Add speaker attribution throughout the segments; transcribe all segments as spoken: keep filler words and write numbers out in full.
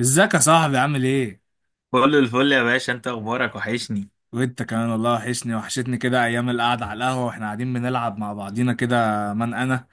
Speaker 1: ازيك يا صاحبي؟ عامل ايه؟
Speaker 2: كل الفل يا باشا، انت اخبارك وحشني.
Speaker 1: وانت كمان والله وحشني وحشتني كده ايام القعده على القهوه واحنا قاعدين بنلعب مع بعضينا كده. من انا؟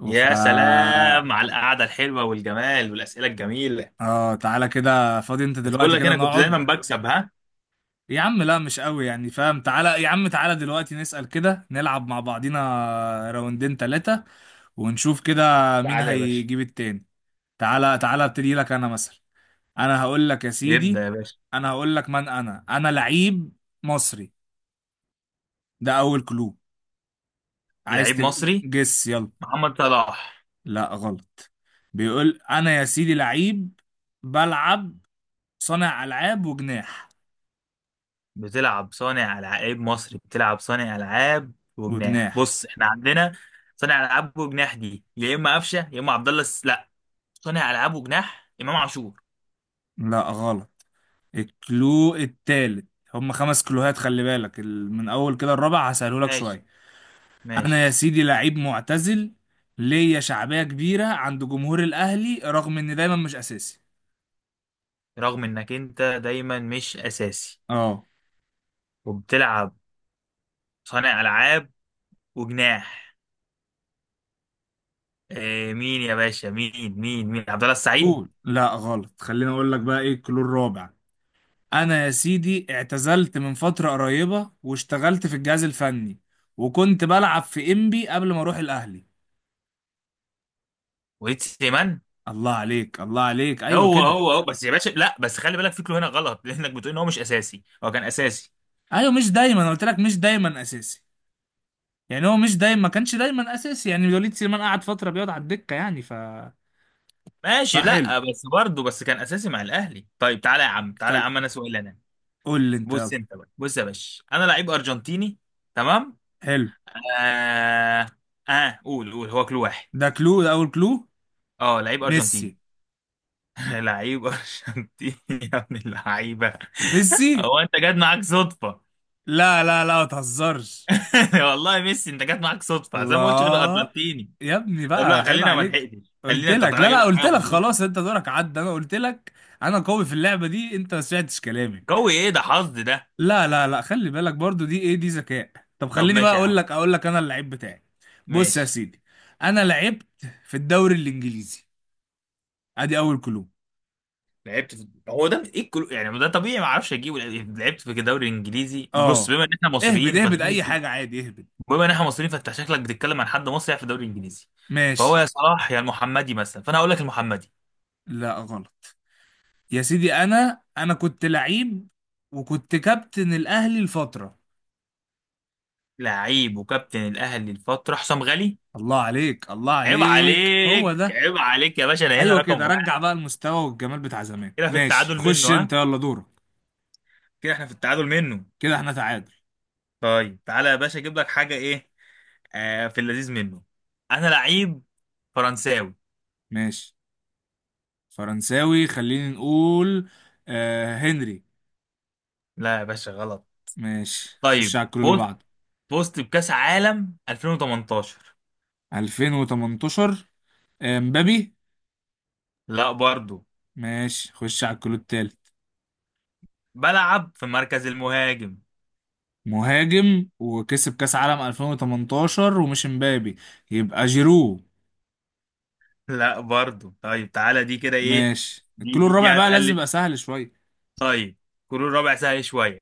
Speaker 1: وفا.
Speaker 2: يا سلام على القعده الحلوه والجمال والاسئله الجميله.
Speaker 1: اه، تعالى كده، فاضي انت
Speaker 2: بس بقول
Speaker 1: دلوقتي؟
Speaker 2: لك
Speaker 1: كده
Speaker 2: انا كنت دايما
Speaker 1: نقعد.
Speaker 2: بكسب، ها.
Speaker 1: يا عم لا، مش قوي يعني فاهم. تعالى يا عم، تعالى دلوقتي نسأل كده، نلعب مع بعضينا راوندين تلاتة ونشوف كده مين
Speaker 2: تعالى يا باشا.
Speaker 1: هيجيب التاني. تعالى تعالى، ابتدي لك انا مثلا. انا هقول لك يا سيدي.
Speaker 2: يبدا يا باشا.
Speaker 1: انا هقول لك من انا انا لعيب مصري، ده اول كلو. عايز
Speaker 2: لعيب مصري؟
Speaker 1: تجس؟ يلا.
Speaker 2: محمد صلاح.
Speaker 1: لا غلط. بيقول انا يا سيدي لعيب، بلعب صانع العاب وجناح.
Speaker 2: بتلعب صانع العاب؟ لعيب مصري بتلعب صانع العاب وجناح؟
Speaker 1: وجناح.
Speaker 2: بص احنا عندنا صانع العاب وجناح، دي يا اما قفشه يا اما عبد الله الس- لا. صانع العاب وجناح، امام عاشور.
Speaker 1: لا غلط. الكلو التالت. هم خمس كلوهات خلي بالك، ال- من اول كده الرابع هسهله لك
Speaker 2: ماشي.
Speaker 1: شويه. انا
Speaker 2: ماشي.
Speaker 1: يا سيدي لعيب معتزل، ليا شعبيه كبيره عند جمهور الاهلي رغم اني دايما مش اساسي.
Speaker 2: رغم انك انت دايما مش اساسي
Speaker 1: اه.
Speaker 2: وبتلعب صانع العاب وجناح. إيه مين يا باشا؟ مين مين مين عبد الله السعيد؟
Speaker 1: قول لا غلط، خليني اقول لك بقى ايه الكلو الرابع. انا يا سيدي اعتزلت من فترة قريبة واشتغلت في الجهاز الفني، وكنت بلعب في انبي قبل ما اروح الاهلي.
Speaker 2: وليد سليمان.
Speaker 1: الله عليك، الله عليك، ايوه
Speaker 2: هو
Speaker 1: كده.
Speaker 2: هو هو بس يا باشا، لا بس خلي بالك، فكره هنا غلط لانك بتقول ان هو مش اساسي، هو كان اساسي.
Speaker 1: ايوه، مش دايما، أنا قلت لك مش دايما اساسي، يعني هو مش دايما، ما كانش دايما اساسي يعني. وليد سليمان قعد فترة بيقعد على الدكة يعني، ف
Speaker 2: ماشي،
Speaker 1: فحلو.
Speaker 2: لا بس برضه بس كان اساسي مع الاهلي. طيب تعالى يا عم، تعالى
Speaker 1: خل...
Speaker 2: يا عم، انا سؤال انا.
Speaker 1: قول لي انت
Speaker 2: بص
Speaker 1: يلا.
Speaker 2: انت بقى، بص يا باشا، انا لعيب ارجنتيني. تمام.
Speaker 1: حلو،
Speaker 2: اه. اه قول قول، هو كل واحد.
Speaker 1: ده كلو، ده اول كلو.
Speaker 2: اه لعيب
Speaker 1: ميسي.
Speaker 2: ارجنتيني. لعيب ارجنتيني يا ابن اللعيبه.
Speaker 1: ميسي.
Speaker 2: هو انت جاد معاك صدفه؟
Speaker 1: لا لا لا، ما تهزرش.
Speaker 2: والله ميسي انت جت معاك صدفه، زي ما قلتش غير
Speaker 1: الله.
Speaker 2: ارجنتيني.
Speaker 1: يا ابني
Speaker 2: طب
Speaker 1: بقى
Speaker 2: لا
Speaker 1: عيب
Speaker 2: خلينا، ما
Speaker 1: عليك.
Speaker 2: لحقتش
Speaker 1: قلت
Speaker 2: خلينا، انت
Speaker 1: لك
Speaker 2: طالع
Speaker 1: لا
Speaker 2: اجيب
Speaker 1: لا،
Speaker 2: لك
Speaker 1: قلت
Speaker 2: حاجه في
Speaker 1: لك
Speaker 2: النص.
Speaker 1: خلاص انت دورك عدى، انا قلت لك انا قوي في اللعبه دي، انت ما سمعتش كلامي.
Speaker 2: قوي ايه ده، حظ ده.
Speaker 1: لا لا لا، خلي بالك برضو، دي ايه؟ دي ذكاء. طب
Speaker 2: طب
Speaker 1: خليني بقى
Speaker 2: ماشي يا
Speaker 1: اقول
Speaker 2: عم.
Speaker 1: لك اقول لك انا اللعيب بتاعي. بص يا
Speaker 2: ماشي.
Speaker 1: سيدي، انا لعبت في الدوري الانجليزي. ادي اول كلو.
Speaker 2: لعبت في؟ هو ده ايه الكل... يعني ده طبيعي، ما اعرفش اجيبه. لعبت في الدوري الانجليزي، بص
Speaker 1: اه،
Speaker 2: بما ان احنا
Speaker 1: اهبد
Speaker 2: مصريين، فانت
Speaker 1: اهبد اي
Speaker 2: ممكن تقول-.
Speaker 1: حاجه عادي، اهبد.
Speaker 2: بما ان احنا مصريين، فانت شكلك بتتكلم عن حد مصري في الدوري الانجليزي، فهو
Speaker 1: ماشي.
Speaker 2: يا صلاح يا المحمدي مثلا، فانا هقول لك المحمدي.
Speaker 1: لا غلط. يا سيدي انا انا كنت لعيب وكنت كابتن الاهلي لفتره.
Speaker 2: لعيب وكابتن الاهلي الفتره، حسام غالي.
Speaker 1: الله عليك، الله
Speaker 2: عيب
Speaker 1: عليك، هو
Speaker 2: عليك،
Speaker 1: ده.
Speaker 2: عيب عليك يا باشا، انا هنا
Speaker 1: ايوه كده،
Speaker 2: رقم واحد.
Speaker 1: رجع بقى المستوى والجمال بتاع زمان.
Speaker 2: كده في
Speaker 1: ماشي،
Speaker 2: التعادل
Speaker 1: خش انت
Speaker 2: منه.
Speaker 1: يلا دورك.
Speaker 2: كده احنا في التعادل منه.
Speaker 1: كده احنا تعادل.
Speaker 2: طيب تعالى يا باشا، اجيب لك حاجه ايه. آه في اللذيذ منه. انا لعيب فرنساوي.
Speaker 1: ماشي. فرنساوي، خلينا نقول آه، هنري.
Speaker 2: لا يا باشا غلط.
Speaker 1: ماشي، خش
Speaker 2: طيب
Speaker 1: على الكلو اللي
Speaker 2: فزت،
Speaker 1: بعده.
Speaker 2: فزت بكاس عالم ألفين وتمنتاشر.
Speaker 1: ألفين وتمنتاشر. آه، مبابي.
Speaker 2: لا برضو.
Speaker 1: ماشي، خش على الكلو التالت.
Speaker 2: بلعب في مركز المهاجم.
Speaker 1: مهاجم وكسب كاس عالم ألفين وتمنتاشر ومش مبابي، يبقى جيرو.
Speaker 2: لا برضو. طيب تعالى، دي كده ايه؟
Speaker 1: ماشي،
Speaker 2: دي
Speaker 1: الكلو
Speaker 2: دي, دي
Speaker 1: الرابع بقى لازم
Speaker 2: هتقلل.
Speaker 1: يبقى سهل شويه.
Speaker 2: طيب. كرة ربع سهل شويه.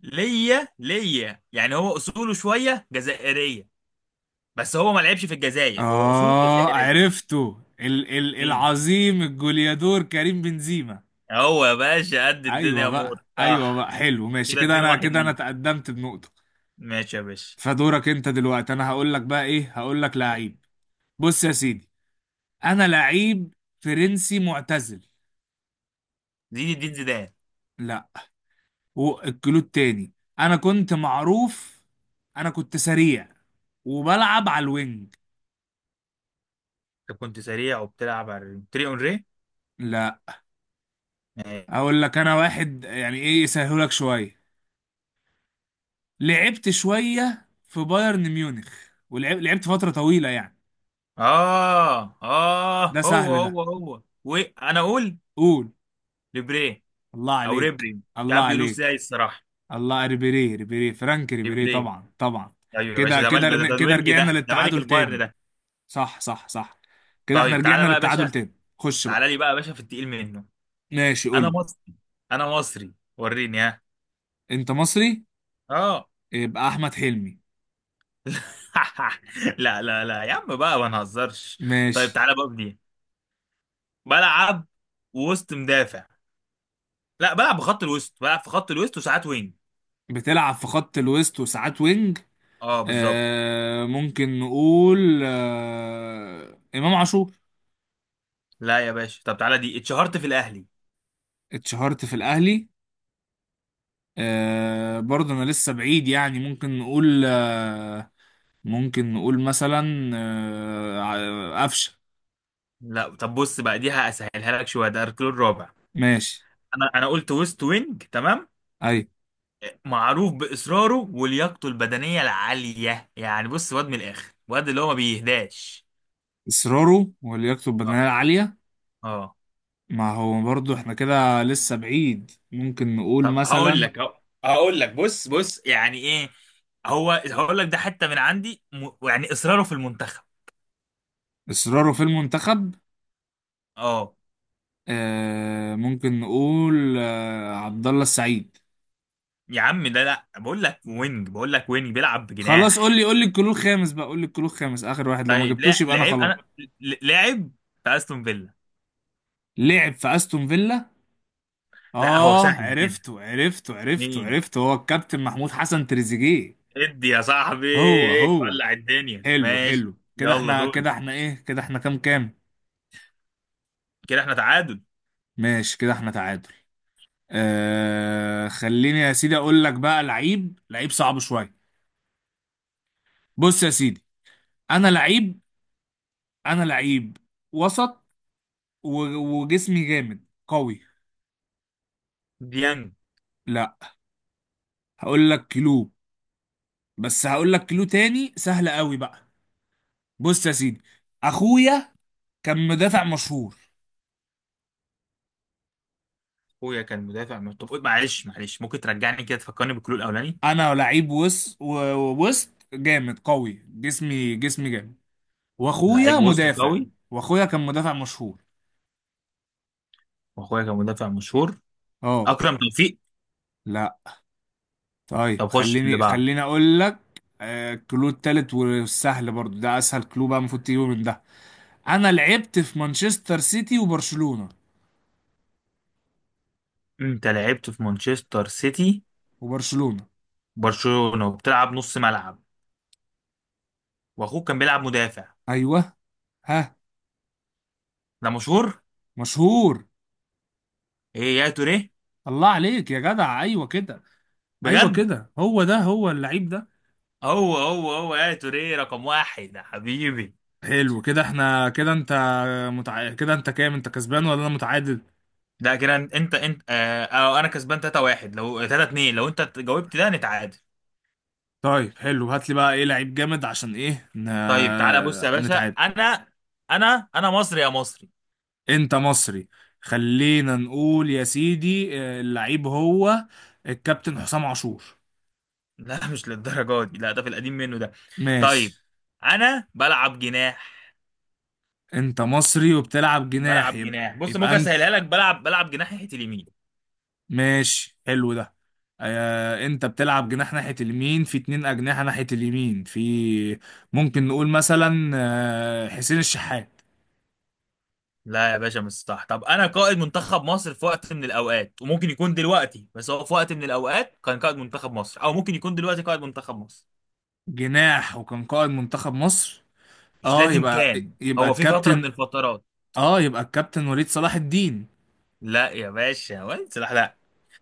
Speaker 2: ليا، ليا يعني هو اصوله شويه جزائريه، بس هو ما لعبش في الجزائر، هو اصوله
Speaker 1: آه
Speaker 2: جزائريه.
Speaker 1: عرفته، ال ال
Speaker 2: مين؟
Speaker 1: العظيم الجوليادور كريم بنزيما.
Speaker 2: هو يا باشا قد
Speaker 1: أيوة
Speaker 2: الدنيا، امور
Speaker 1: بقى، أيوة بقى
Speaker 2: صح.
Speaker 1: حلو، ماشي
Speaker 2: كده
Speaker 1: كده،
Speaker 2: اتنين
Speaker 1: أنا
Speaker 2: واحد
Speaker 1: كده أنا
Speaker 2: ليك.
Speaker 1: تقدمت بنقطة.
Speaker 2: ماشي يا باشا.
Speaker 1: فدورك أنت دلوقتي، أنا هقول لك بقى إيه. هقول لك لعيب. بص يا سيدي، أنا لعيب فرنسي معتزل.
Speaker 2: زين الدين زيدان.
Speaker 1: لا. والكلود تاني، أنا كنت معروف، أنا كنت سريع وبلعب على الوينج.
Speaker 2: انت كنت سريع وبتلعب على تري اون ري؟
Speaker 1: لا.
Speaker 2: ماشي.
Speaker 1: أقول لك أنا واحد يعني إيه يسهلك شوية. لعبت شوية في بايرن ميونخ، ولعبت لعبت فترة طويلة يعني.
Speaker 2: اه اه
Speaker 1: ده
Speaker 2: هو
Speaker 1: سهل ده.
Speaker 2: هو هو وانا اقول.
Speaker 1: قول.
Speaker 2: ليبري.
Speaker 1: الله
Speaker 2: او
Speaker 1: عليك.
Speaker 2: ريبري، مش
Speaker 1: الله
Speaker 2: عارف بيقولوا ازاي
Speaker 1: عليك
Speaker 2: الصراحه.
Speaker 1: الله، ريبيري، ريبيري، فرانك ريبيري،
Speaker 2: ليبري.
Speaker 1: طبعا طبعا.
Speaker 2: ايوه يا باشا
Speaker 1: كده
Speaker 2: ده مال
Speaker 1: كده
Speaker 2: ده، ده, ده
Speaker 1: كده،
Speaker 2: الوينج
Speaker 1: رجعنا
Speaker 2: ده، ده ملك
Speaker 1: للتعادل
Speaker 2: البايرن
Speaker 1: تاني.
Speaker 2: ده.
Speaker 1: صح صح صح. كده احنا
Speaker 2: طيب تعالى
Speaker 1: رجعنا
Speaker 2: بقى يا
Speaker 1: للتعادل
Speaker 2: باشا،
Speaker 1: تاني، خش
Speaker 2: تعالى
Speaker 1: بقى.
Speaker 2: لي بقى يا باشا في التقيل منه.
Speaker 1: ماشي، قول
Speaker 2: انا
Speaker 1: لي.
Speaker 2: مصري. انا مصري، وريني ها.
Speaker 1: انت مصري؟
Speaker 2: اه.
Speaker 1: يبقى احمد حلمي.
Speaker 2: لا لا لا يا عم بقى، ما نهزرش. طيب
Speaker 1: ماشي.
Speaker 2: تعالى بقى بدي. بلعب وسط مدافع. لا بلعب بخط الوسط، بلعب في خط الوسط وساعات وينج.
Speaker 1: بتلعب في خط الوسط وساعات وينج.
Speaker 2: اه بالظبط.
Speaker 1: آه، ممكن نقول آه امام عاشور.
Speaker 2: لا يا باشا، طب تعالى، دي اتشهرت في الاهلي.
Speaker 1: اتشهرت في الاهلي. آه، برضه انا لسه بعيد يعني، ممكن نقول آه، ممكن نقول مثلا آه، ع- قفشه.
Speaker 2: لا طب بص بقى، دي هسهلها لك شويه، ده اركان الرابع.
Speaker 1: ماشي.
Speaker 2: انا انا قلت وسط وينج، تمام.
Speaker 1: اي.
Speaker 2: معروف باصراره ولياقته البدنيه العاليه، يعني بص واد من الاخر، واد اللي هو ما بيهداش.
Speaker 1: اصراره ولياقته
Speaker 2: اه.
Speaker 1: البدنيه العاليه.
Speaker 2: اه.
Speaker 1: ما هو برضه احنا كده لسه بعيد، ممكن نقول
Speaker 2: طب هقول
Speaker 1: مثلا.
Speaker 2: لك أهو-. هقول لك بص، بص يعني ايه. هو هقول لك ده حتى من عندي م... يعني اصراره في المنتخب.
Speaker 1: اصراره في المنتخب.
Speaker 2: اه.
Speaker 1: آه، ممكن نقول آه عبد الله السعيد.
Speaker 2: يا عم ده لا، بقول لك وينج، بقول لك وينج بيلعب
Speaker 1: خلاص قول
Speaker 2: بجناح.
Speaker 1: لي، قول لي الكلو الخامس بقى، قول لي الكلو الخامس، اخر واحد لو ما
Speaker 2: طيب لا
Speaker 1: جبتوش يبقى انا
Speaker 2: لعب
Speaker 1: خلاص.
Speaker 2: انا، ل- لعب في استون فيلا.
Speaker 1: لعب في استون فيلا.
Speaker 2: لا هو
Speaker 1: اه
Speaker 2: سهل كده.
Speaker 1: عرفته عرفته عرفته
Speaker 2: مين؟
Speaker 1: عرفته، هو الكابتن محمود حسن تريزيجيه.
Speaker 2: ادي يا صاحبي،
Speaker 1: هو هو.
Speaker 2: ولع الدنيا
Speaker 1: حلو
Speaker 2: ماشي.
Speaker 1: حلو، كده
Speaker 2: يلا
Speaker 1: احنا
Speaker 2: دوري.
Speaker 1: كده، احنا ايه كده، احنا كام كام؟
Speaker 2: كده احنا تعادل.
Speaker 1: ماشي كده احنا تعادل. آه، خليني يا سيدي اقول لك بقى، لعيب لعيب صعب شويه. بص يا سيدي، انا لعيب، انا لعيب وسط و- وجسمي جامد قوي.
Speaker 2: ديانج.
Speaker 1: لا. هقول لك كيلو، بس هقول لك كيلو تاني سهل قوي بقى. بص يا سيدي، اخويا كان مدافع مشهور.
Speaker 2: اخويا كان مدافع من- طب قول- معلش، معلش ممكن ترجعني كده، تفكرني بالكلو الاولاني.
Speaker 1: انا لعيب وس و- وسط جامد قوي، جسمي جسمي جامد، واخويا
Speaker 2: لعيب وسط
Speaker 1: مدافع.
Speaker 2: قوي،
Speaker 1: واخويا كان مدافع مشهور.
Speaker 2: واخويا كان مدافع مشهور.
Speaker 1: اه.
Speaker 2: اكرم توفيق.
Speaker 1: لا. طيب،
Speaker 2: طب خش في اللي
Speaker 1: خليني
Speaker 2: بعده.
Speaker 1: خليني اقول لك. آه، الكلو التالت والسهل برضو، ده اسهل كلو بقى المفروض تجيبه من ده. انا لعبت في مانشستر سيتي وبرشلونة.
Speaker 2: انت لعبت في مانشستر سيتي
Speaker 1: وبرشلونة.
Speaker 2: برشلونة وبتلعب نص ملعب، واخوك كان بيلعب مدافع.
Speaker 1: ايوه. ها.
Speaker 2: ده مشهور.
Speaker 1: مشهور.
Speaker 2: ايه يا توريه؟
Speaker 1: الله عليك يا جدع، ايوه كده. ايوه
Speaker 2: بجد.
Speaker 1: كده، هو ده، هو اللعيب ده.
Speaker 2: هو هو هو يا توريه، رقم واحد يا حبيبي.
Speaker 1: حلو، كده احنا كده، انت متع... كده انت كام؟ انت كسبان ولا انا متعادل؟
Speaker 2: ده كده انت انت انت- آه، آه، انا كسبان تلاتة واحد، لو ثلاثة اتنين لو انت جاوبت ده نتعادل.
Speaker 1: طيب حلو، هات لي بقى ايه لعيب جامد عشان ايه ن...
Speaker 2: طيب تعالى بص يا باشا،
Speaker 1: نتعادل.
Speaker 2: انا. انا انا مصري يا مصري.
Speaker 1: انت مصري. خلينا نقول يا سيدي اه، اللعيب هو الكابتن حسام عاشور.
Speaker 2: لا مش للدرجه دي لا، ده في القديم منه ده.
Speaker 1: ماشي.
Speaker 2: طيب. انا بلعب جناح.
Speaker 1: انت مصري وبتلعب جناح،
Speaker 2: بلعب
Speaker 1: يبقى,
Speaker 2: جناح، بص
Speaker 1: يبقى
Speaker 2: ممكن
Speaker 1: انت،
Speaker 2: اسهلها لك، بلعب بلعب جناح ناحيه اليمين.
Speaker 1: ماشي حلو ده. اه، انت بتلعب جناح ناحية اليمين، في اتنين اجنحة ناحية اليمين، في ممكن نقول مثلا اه، حسين الشحات.
Speaker 2: لا يا باشا مش صح. طب انا قائد منتخب مصر في وقت من الاوقات، وممكن يكون دلوقتي، بس هو في وقت من الاوقات كان قائد منتخب مصر، او ممكن يكون دلوقتي قائد منتخب مصر.
Speaker 1: جناح وكان قائد منتخب مصر.
Speaker 2: مش
Speaker 1: اه
Speaker 2: لازم
Speaker 1: يبقى،
Speaker 2: كان،
Speaker 1: يبقى
Speaker 2: هو في فتره من
Speaker 1: الكابتن،
Speaker 2: الفترات.
Speaker 1: اه يبقى الكابتن وليد صلاح الدين.
Speaker 2: لا يا باشا، واد سلاح لا.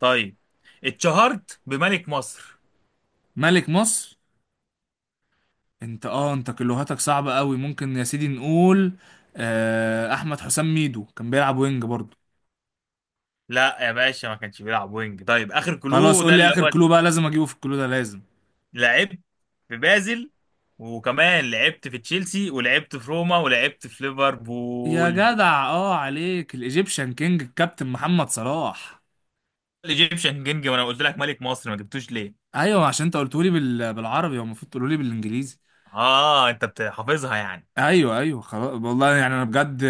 Speaker 2: طيب اتشهرت بملك مصر.
Speaker 1: ملك مصر. انت اه، انت كلوهاتك صعبة قوي، ممكن يا سيدي نقول آه، احمد حسام ميدو كان بيلعب وينج برضه.
Speaker 2: لا يا باشا ما كانش بيلعب وينج. طيب اخر
Speaker 1: خلاص
Speaker 2: كلو ده،
Speaker 1: قول لي
Speaker 2: اللي
Speaker 1: اخر
Speaker 2: هو
Speaker 1: كلو بقى، لازم اجيبه في الكلو ده لازم.
Speaker 2: لعبت في بازل، وكمان لعبت في تشيلسي، ولعبت في روما، ولعبت في
Speaker 1: يا
Speaker 2: ليفربول.
Speaker 1: جدع اه، عليك، الايجيبشن كينج الكابتن محمد صلاح.
Speaker 2: الايجيبشن كينج؟ ما انا قلت لك ملك مصر، ما جبتوش ليه؟
Speaker 1: ايوه، عشان انت قلتولي بال... بالعربي، هو المفروض تقولولي بالانجليزي.
Speaker 2: اه انت بت- حافظها يعني.
Speaker 1: ايوه ايوه خلاص، والله يعني انا بجد،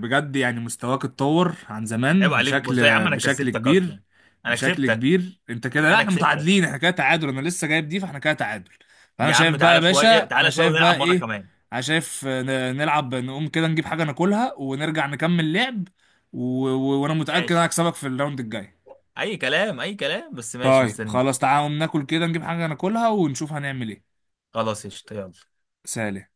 Speaker 1: بجد يعني مستواك اتطور عن
Speaker 2: عيب
Speaker 1: زمان
Speaker 2: عليك،
Speaker 1: بشكل،
Speaker 2: بص يا عم انا
Speaker 1: بشكل
Speaker 2: كسبتك اصلا.
Speaker 1: كبير.
Speaker 2: انا
Speaker 1: بشكل
Speaker 2: كسبتك.
Speaker 1: كبير، انت كده لا،
Speaker 2: انا
Speaker 1: احنا
Speaker 2: كسبتك.
Speaker 1: متعادلين، احنا كده تعادل، انا لسه جايب دي، فاحنا كده تعادل. فانا
Speaker 2: يا
Speaker 1: شايف
Speaker 2: عم
Speaker 1: بقى يا
Speaker 2: تعالى
Speaker 1: باشا،
Speaker 2: شويه،
Speaker 1: انا
Speaker 2: تعالى شويه
Speaker 1: شايف
Speaker 2: ونلعب
Speaker 1: بقى
Speaker 2: مره
Speaker 1: ايه،
Speaker 2: كمان.
Speaker 1: انا شايف ن- نلعب، نقوم كده نجيب حاجه ناكلها ونرجع نكمل لعب، و... و... وانا متاكد
Speaker 2: ماشي.
Speaker 1: انا هكسبك في الراوند الجاي.
Speaker 2: اي كلام، اي كلام، بس ماشي
Speaker 1: طيب
Speaker 2: مستنيك.
Speaker 1: خلاص تعالى نقوم ناكل كده، نجيب حاجه ناكلها ونشوف هنعمل ايه.
Speaker 2: خلاص قشطة يلا.
Speaker 1: سلام.